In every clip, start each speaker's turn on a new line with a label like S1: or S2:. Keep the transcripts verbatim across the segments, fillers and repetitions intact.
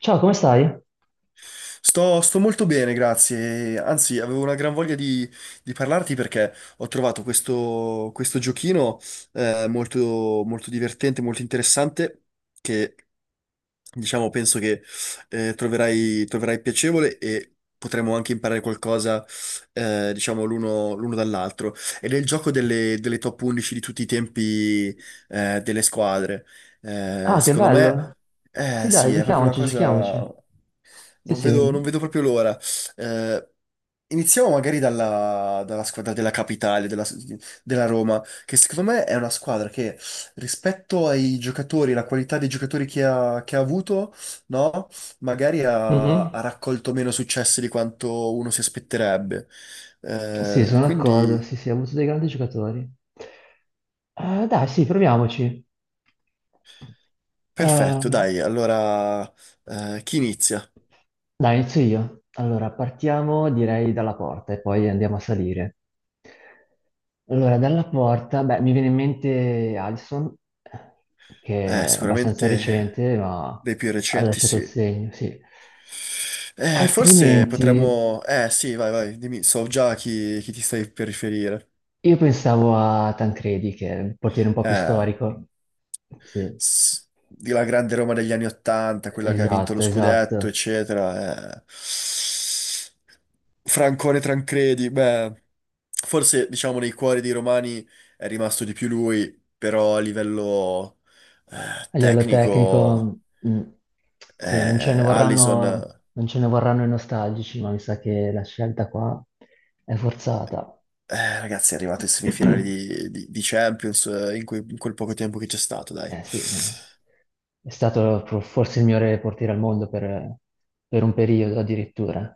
S1: Ciao, come stai?
S2: Sto, sto molto bene, grazie. Anzi, avevo una gran voglia di, di parlarti perché ho trovato questo, questo giochino, eh, molto, molto divertente, molto interessante, che diciamo penso che eh, troverai, troverai piacevole, e potremo anche imparare qualcosa, eh, diciamo, l'uno l'uno dall'altro. Ed è il gioco delle, delle top undici di tutti i tempi eh, delle squadre. Eh,
S1: Ah, che
S2: secondo me,
S1: bello.
S2: eh,
S1: Sì, dai,
S2: sì, è proprio una
S1: giochiamoci,
S2: cosa.
S1: giochiamoci. Sì,
S2: Non vedo, non vedo
S1: sì.
S2: proprio l'ora. Eh, Iniziamo magari dalla, dalla squadra della capitale, della, della Roma, che secondo me è una squadra che, rispetto ai giocatori, la qualità dei giocatori che ha, che ha avuto, no? Magari
S1: Mhm.
S2: ha, ha raccolto meno successi di quanto uno si aspetterebbe.
S1: Sì,
S2: Eh,
S1: sono d'accordo.
S2: quindi,
S1: Sì, sì, ha avuto dei grandi giocatori. Eh, dai, sì, proviamoci.
S2: perfetto,
S1: Eh,
S2: dai. Allora, eh, chi inizia?
S1: Dai, inizio io. Allora, partiamo direi dalla porta e poi andiamo a salire. Allora, dalla porta, beh, mi viene in mente Alisson,
S2: Eh,
S1: che è abbastanza
S2: sicuramente
S1: recente, ma
S2: dei più
S1: ha
S2: recenti,
S1: lasciato
S2: sì.
S1: il segno, sì.
S2: Eh, forse
S1: Altrimenti,
S2: potremmo... Eh sì, vai, vai, dimmi, so già chi, chi ti stai per riferire.
S1: io pensavo a Tancredi, che è un portiere un po' più
S2: Eh,
S1: storico. Sì,
S2: s- di la grande Roma degli anni Ottanta, quella che ha vinto lo
S1: esatto,
S2: scudetto,
S1: esatto.
S2: eccetera. eh. Francone Tancredi, beh, forse diciamo nei cuori dei romani è rimasto di più lui, però a livello eh,
S1: A livello
S2: tecnico
S1: tecnico, mh, sì, non ce ne
S2: eh, Allison.
S1: vorranno, non ce ne vorranno i nostalgici, ma mi sa che la scelta qua è forzata.
S2: Eh, ragazzi, è arrivato in semifinale di, di- di Champions, eh, in, que- in quel poco tempo che c'è stato, dai.
S1: Eh sì, eh. È stato pro- forse il migliore portiere al mondo per, per un periodo addirittura.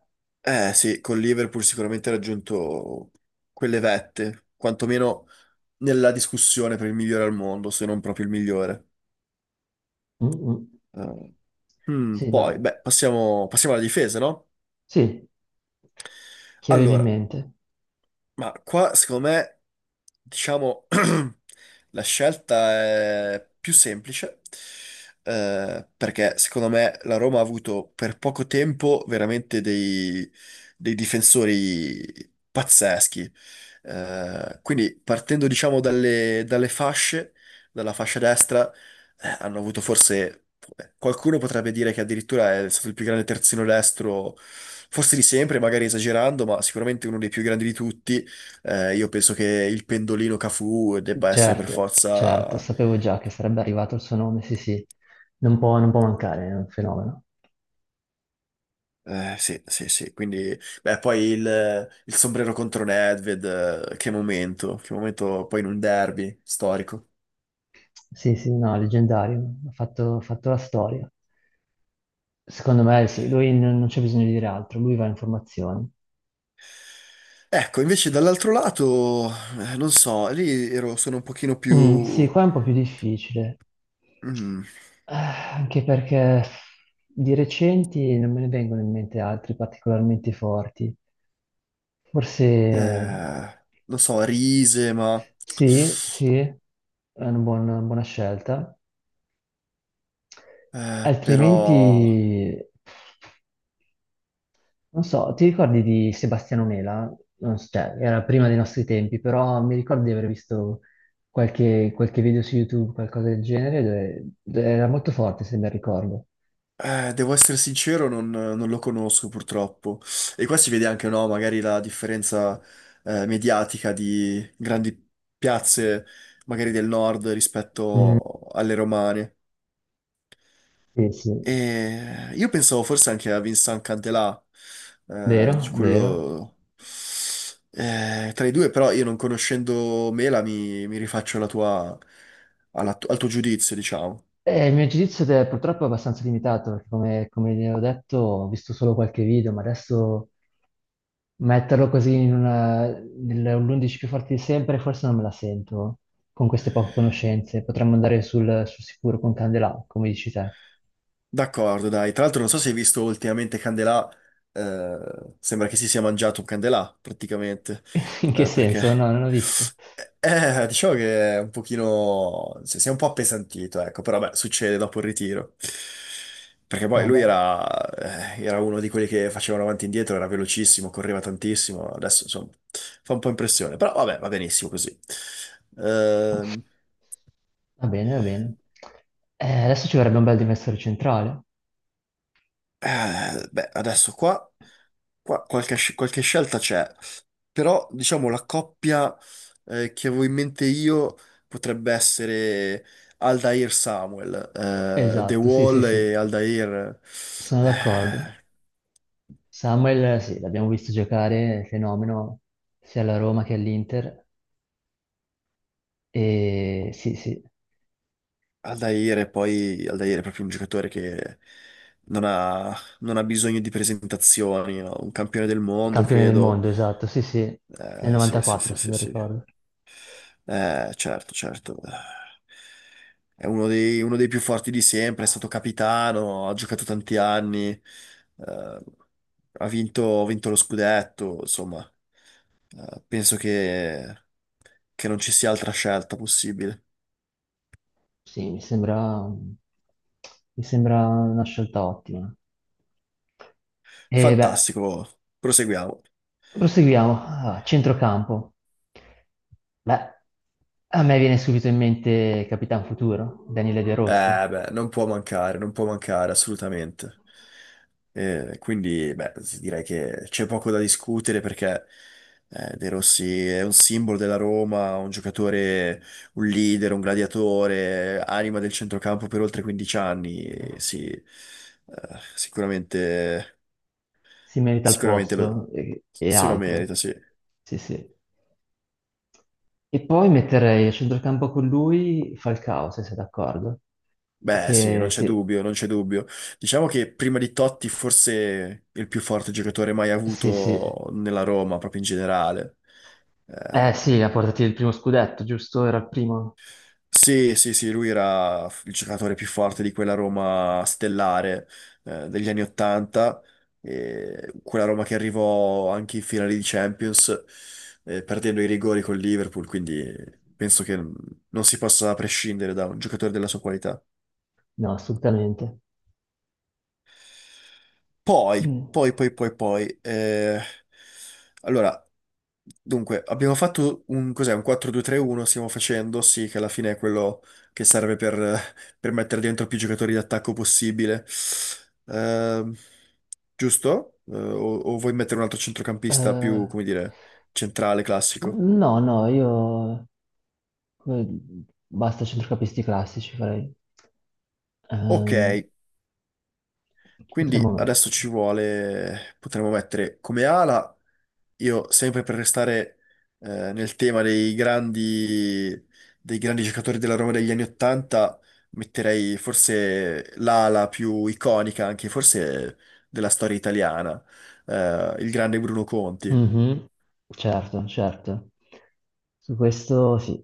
S2: Eh sì, con Liverpool sicuramente ha raggiunto quelle vette, quantomeno nella discussione per il migliore al mondo, se non proprio il migliore.
S1: Mm, mm.
S2: Eh, hmm,
S1: Sì,
S2: Poi,
S1: dai.
S2: beh, passiamo, passiamo alla difesa, no?
S1: Sì, chi avevi in
S2: Allora,
S1: mente?
S2: Ma qua, secondo me, diciamo, la scelta è più semplice, eh, perché secondo me la Roma ha avuto per poco tempo veramente dei, dei difensori pazzeschi. Eh, quindi partendo, diciamo, dalle, dalle fasce, dalla fascia destra, eh, hanno avuto forse... eh, Qualcuno potrebbe dire che addirittura è stato il più grande terzino destro, forse di sempre, magari esagerando, ma sicuramente uno dei più grandi di tutti. Eh, io penso che il pendolino Cafu debba essere per
S1: Certo, certo,
S2: forza...
S1: sapevo già che sarebbe arrivato il suo nome, sì, sì. Non può, non può mancare, è un fenomeno.
S2: eh, Sì, sì, sì, quindi... Beh, poi il, il sombrero contro Nedved, eh, che momento, che momento poi in un derby storico.
S1: Sì, sì, no, leggendario, ha fatto, ha fatto la storia. Secondo me sì, lui non, non c'è bisogno di dire altro, lui va in formazione.
S2: Ecco, invece dall'altro lato, eh, non so, lì ero, sono un pochino
S1: Mm, sì,
S2: più...
S1: qua è un po' più difficile.
S2: mm,
S1: Eh, anche perché di recenti non me ne vengono in mente altri particolarmente forti. Forse
S2: eh, non so, Rise, ma...
S1: sì, sì, è una buona, una buona scelta.
S2: eh, però...
S1: Altrimenti non so, ti ricordi di Sebastiano Mela? Non s- Cioè, era prima dei nostri tempi, però mi ricordo di aver visto qualche, qualche video su YouTube, qualcosa del genere, dove, dove era molto forte, se ben ricordo.
S2: Eh, devo essere sincero, non, non lo conosco purtroppo. E qua si vede anche, no, magari la differenza eh, mediatica di grandi piazze, magari del nord
S1: Mm,
S2: rispetto alle romane.
S1: sì, sì,
S2: E io pensavo forse anche a Vincent Candelà, eh, di
S1: vero, vero.
S2: quello eh, tra i due, però, io non conoscendo Mela, mi, mi rifaccio alla tua- alla tu- al tuo giudizio, diciamo.
S1: Eh, il mio giudizio è purtroppo abbastanza limitato, perché come, come vi ho detto, ho visto solo qualche video, ma adesso metterlo così in una, nell'undici più forti di sempre, forse non me la sento con queste poche conoscenze. Potremmo andare sul, sul sicuro con Candelà, come dici te.
S2: D'accordo, dai. Tra l'altro non so se hai visto ultimamente Candelà, eh, sembra che si sia mangiato un Candelà, praticamente,
S1: In che
S2: eh, perché...
S1: senso? No, non l'ho visto.
S2: Eh, eh, diciamo che è un pochino... si si è un po' appesantito, ecco, però beh, succede dopo il ritiro. Perché poi lui
S1: Vabbè,
S2: era, eh, era uno di quelli che facevano avanti e indietro, era velocissimo, correva tantissimo, adesso insomma fa un po' impressione, però vabbè, va benissimo così. Ehm,
S1: va bene, va bene. Eh, adesso ci vorrebbe un bel difensore centrale.
S2: eh, Beh, adesso qua, qua qualche, sc- qualche scelta c'è. Però, diciamo, la coppia eh, che avevo in mente io potrebbe essere Aldair Samuel, eh, The
S1: Esatto, sì, sì,
S2: Wall
S1: sì,
S2: e Aldair.
S1: sono d'accordo.
S2: eh,
S1: Samuel, sì, l'abbiamo visto giocare, è fenomeno, sia alla Roma che all'Inter. E sì, sì.
S2: Aldair è, poi Aldair è proprio un giocatore che non ha, non ha bisogno di presentazioni, no? Un campione del mondo,
S1: Campione del
S2: credo.
S1: mondo, esatto, sì, sì, nel
S2: Eh, sì, sì,
S1: novantaquattro
S2: sì,
S1: se
S2: sì,
S1: non
S2: sì.
S1: ricordo.
S2: Eh, certo, certo. È uno dei, uno dei più forti di sempre, è stato capitano, ha giocato tanti anni, eh, ha vinto, ha vinto lo scudetto, insomma, eh, penso che, che non ci sia altra scelta possibile.
S1: Sì, mi sembra, mi sembra una scelta ottima. E beh,
S2: Fantastico, proseguiamo.
S1: proseguiamo. Allora, centrocampo. Beh, a me viene subito in mente Capitan Futuro, Daniele De Rossi.
S2: Eh, beh, non può mancare, non può mancare assolutamente. Eh, quindi, beh, s- direi che c'è poco da discutere, perché eh, De Rossi è un simbolo della Roma, un giocatore, un leader, un gladiatore, anima del centrocampo per oltre quindici anni. e Sì, eh, sicuramente,
S1: Si merita il
S2: sicuramente lo-
S1: posto e, e
S2: se lo
S1: altro.
S2: merita, sì.
S1: Sì, sì. E poi metterei a centrocampo con lui Falcao, se sei d'accordo.
S2: Beh, sì, non
S1: Che
S2: c'è
S1: sì.
S2: dubbio, non c'è dubbio. Diciamo che, prima di Totti, forse il più forte giocatore mai
S1: Sì, sì.
S2: avuto nella Roma, proprio in generale. Eh,
S1: Eh sì, ha portato il primo scudetto, giusto? Era il primo?
S2: sì, sì, sì, lui era il giocatore più forte di quella Roma stellare, eh, degli anni Ottanta, e quella Roma che arrivò anche in finale di Champions, eh, perdendo i rigori col Liverpool, quindi penso che non si possa prescindere da un giocatore della sua qualità.
S1: No, assolutamente.
S2: Poi,
S1: Mm.
S2: poi, poi, poi, poi, eh, allora, dunque, abbiamo fatto un, cos'è, un quattro due-tre uno, stiamo facendo, sì, che alla fine è quello che serve per, per mettere dentro più giocatori d'attacco possibile, Ehm, giusto? Eh, o, o vuoi mettere un altro centrocampista più,
S1: Eh,
S2: come dire, centrale, classico?
S1: no, no, io... eh, Basta centrocampisti classici, farei.
S2: Ok,
S1: Ehm, chi potremmo
S2: quindi adesso
S1: mettere?
S2: ci vuole, potremmo mettere come ala. Io, sempre per restare eh, nel tema dei grandi, dei grandi giocatori della Roma degli anni Ottanta, metterei forse l'ala più iconica, anche forse della storia italiana, eh, il grande Bruno Conti.
S1: Mhm. Certo, certo. Su questo sì,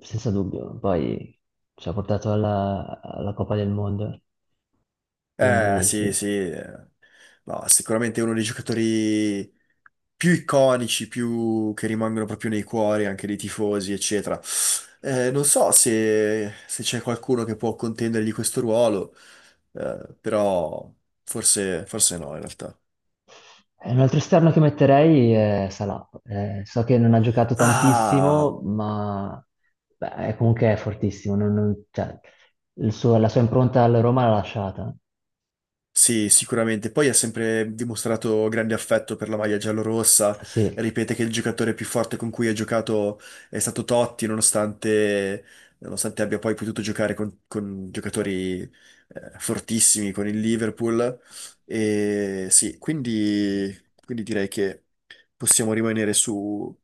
S1: senza dubbio. Poi ci ha portato alla, alla Coppa del Mondo,
S2: Eh
S1: quindi
S2: sì,
S1: sì.
S2: sì, eh. No, sicuramente è uno dei giocatori più iconici, più che rimangono proprio nei cuori anche dei tifosi, eccetera. Eh, non so se, se c'è qualcuno che può contendergli questo ruolo, eh, però forse, forse no, in realtà.
S1: Eh, un altro esterno che metterei è Salah. Eh, so che non ha giocato
S2: Ah!
S1: tantissimo, ma beh, è- comunque è fortissimo. Non- non- cioè, il suo- la sua impronta alla Roma l'ha lasciata.
S2: Sì, sicuramente. Poi ha sempre dimostrato grande affetto per la maglia giallorossa.
S1: Sì,
S2: Ripete che il giocatore più forte con cui ha giocato è stato Totti, nonostante, nonostante abbia poi potuto giocare con, con giocatori eh, fortissimi con il Liverpool. E sì, quindi, quindi direi che possiamo rimanere su,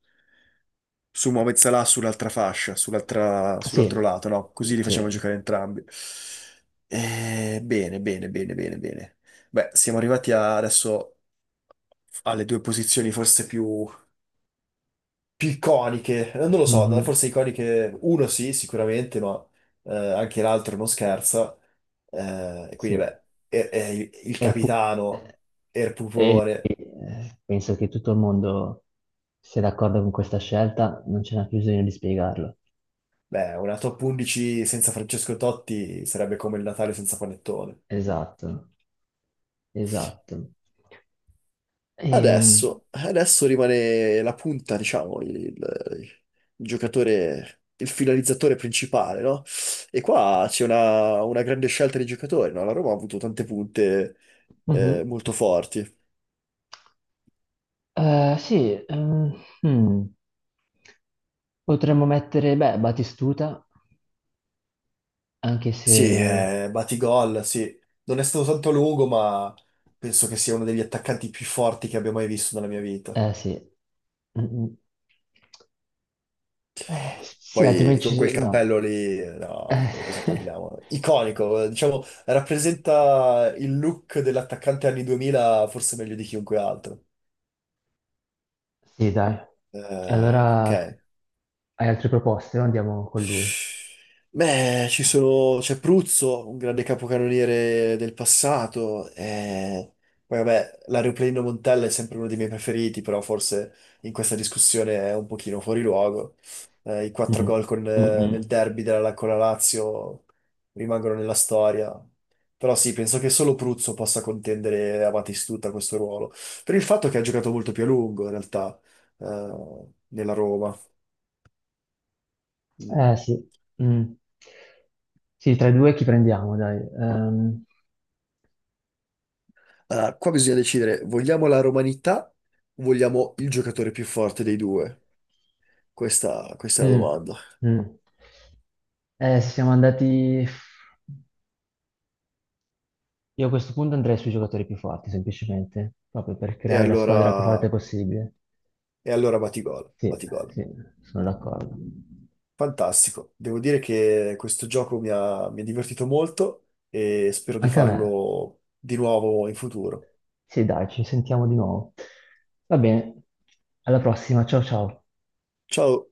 S2: su Mohamed Salah sull'altra fascia, sull'altra- sull'altro
S1: sì,
S2: lato, no? Così li
S1: sì.
S2: facciamo giocare entrambi. Eh, bene, bene, bene, bene, bene. Beh, siamo arrivati a- adesso alle due posizioni forse più, più iconiche. Eh, Non lo so, no,
S1: Mhm.
S2: forse iconiche uno sì, sicuramente, ma eh, anche l'altro non scherza. Eh, e quindi,
S1: Sì.
S2: beh, è- è il il
S1: E il pu-
S2: capitano, è il
S1: e-
S2: pupone.
S1: e penso che tutto il mondo sia d'accordo con questa scelta, non c'è neanche bisogno di spiegarlo.
S2: Beh, una top undici senza Francesco Totti sarebbe come il Natale senza panettone.
S1: Esatto, esatto. Ehm,
S2: Adesso, adesso rimane la punta, diciamo, il, il giocatore, il finalizzatore principale, no? E qua c'è una, una grande scelta di giocatori, no? La Roma ha avuto tante punte
S1: mhm.
S2: eh, molto forti.
S1: Eh, sì, ehm, hmm, potremmo mettere, beh, Batistuta, anche
S2: Sì,
S1: se...
S2: eh, Batigol, sì. Non è stato tanto lungo, ma penso che sia uno degli attaccanti più forti che abbia mai visto nella mia vita.
S1: Eh sì. Mm, mm. Eh, sì,
S2: Poi
S1: altrimenti...
S2: con quel
S1: ci- No.
S2: cappello lì, no, di cosa
S1: Eh,
S2: parliamo? Iconico, diciamo, rappresenta il look dell'attaccante anni duemila forse meglio di chiunque altro.
S1: sì, dai.
S2: Eh, ok.
S1: Allora, hai altre proposte? No? Andiamo con lui.
S2: Beh, ci sono, c'è Pruzzo, un grande capocannoniere del passato, e poi vabbè, l'aeroplanino Montella è sempre uno dei miei preferiti, però forse in questa discussione è un pochino fuori luogo. Eh, I quattro gol
S1: Mm,
S2: con,
S1: mm,
S2: eh, nel
S1: mm.
S2: derby della, con la Lazio, rimangono nella storia, però sì, penso che solo Pruzzo possa contendere a Batistuta questo ruolo, per il fatto che ha giocato molto più a lungo in realtà, eh, nella Roma. Mm.
S1: Eh sì. Mm. Sì, tra i due chi prendiamo, dai. Ehm,
S2: Ah, qua bisogna decidere, vogliamo la romanità o vogliamo il giocatore più forte dei due? Questa, questa è la
S1: Mm,
S2: domanda.
S1: mm. Eh, siamo andati... Io a questo punto andrei sui giocatori più forti, semplicemente, proprio per
S2: E
S1: creare la squadra più
S2: allora,
S1: forte possibile.
S2: e allora Batigol,
S1: Sì,
S2: Batigol.
S1: sì, sono d'accordo.
S2: Fantastico. Devo dire che questo gioco mi ha, mi ha divertito molto e spero di
S1: Anche a me.
S2: farlo di nuovo in futuro.
S1: Sì, dai, ci sentiamo di nuovo. Va bene, alla prossima, ciao ciao.
S2: Ciao.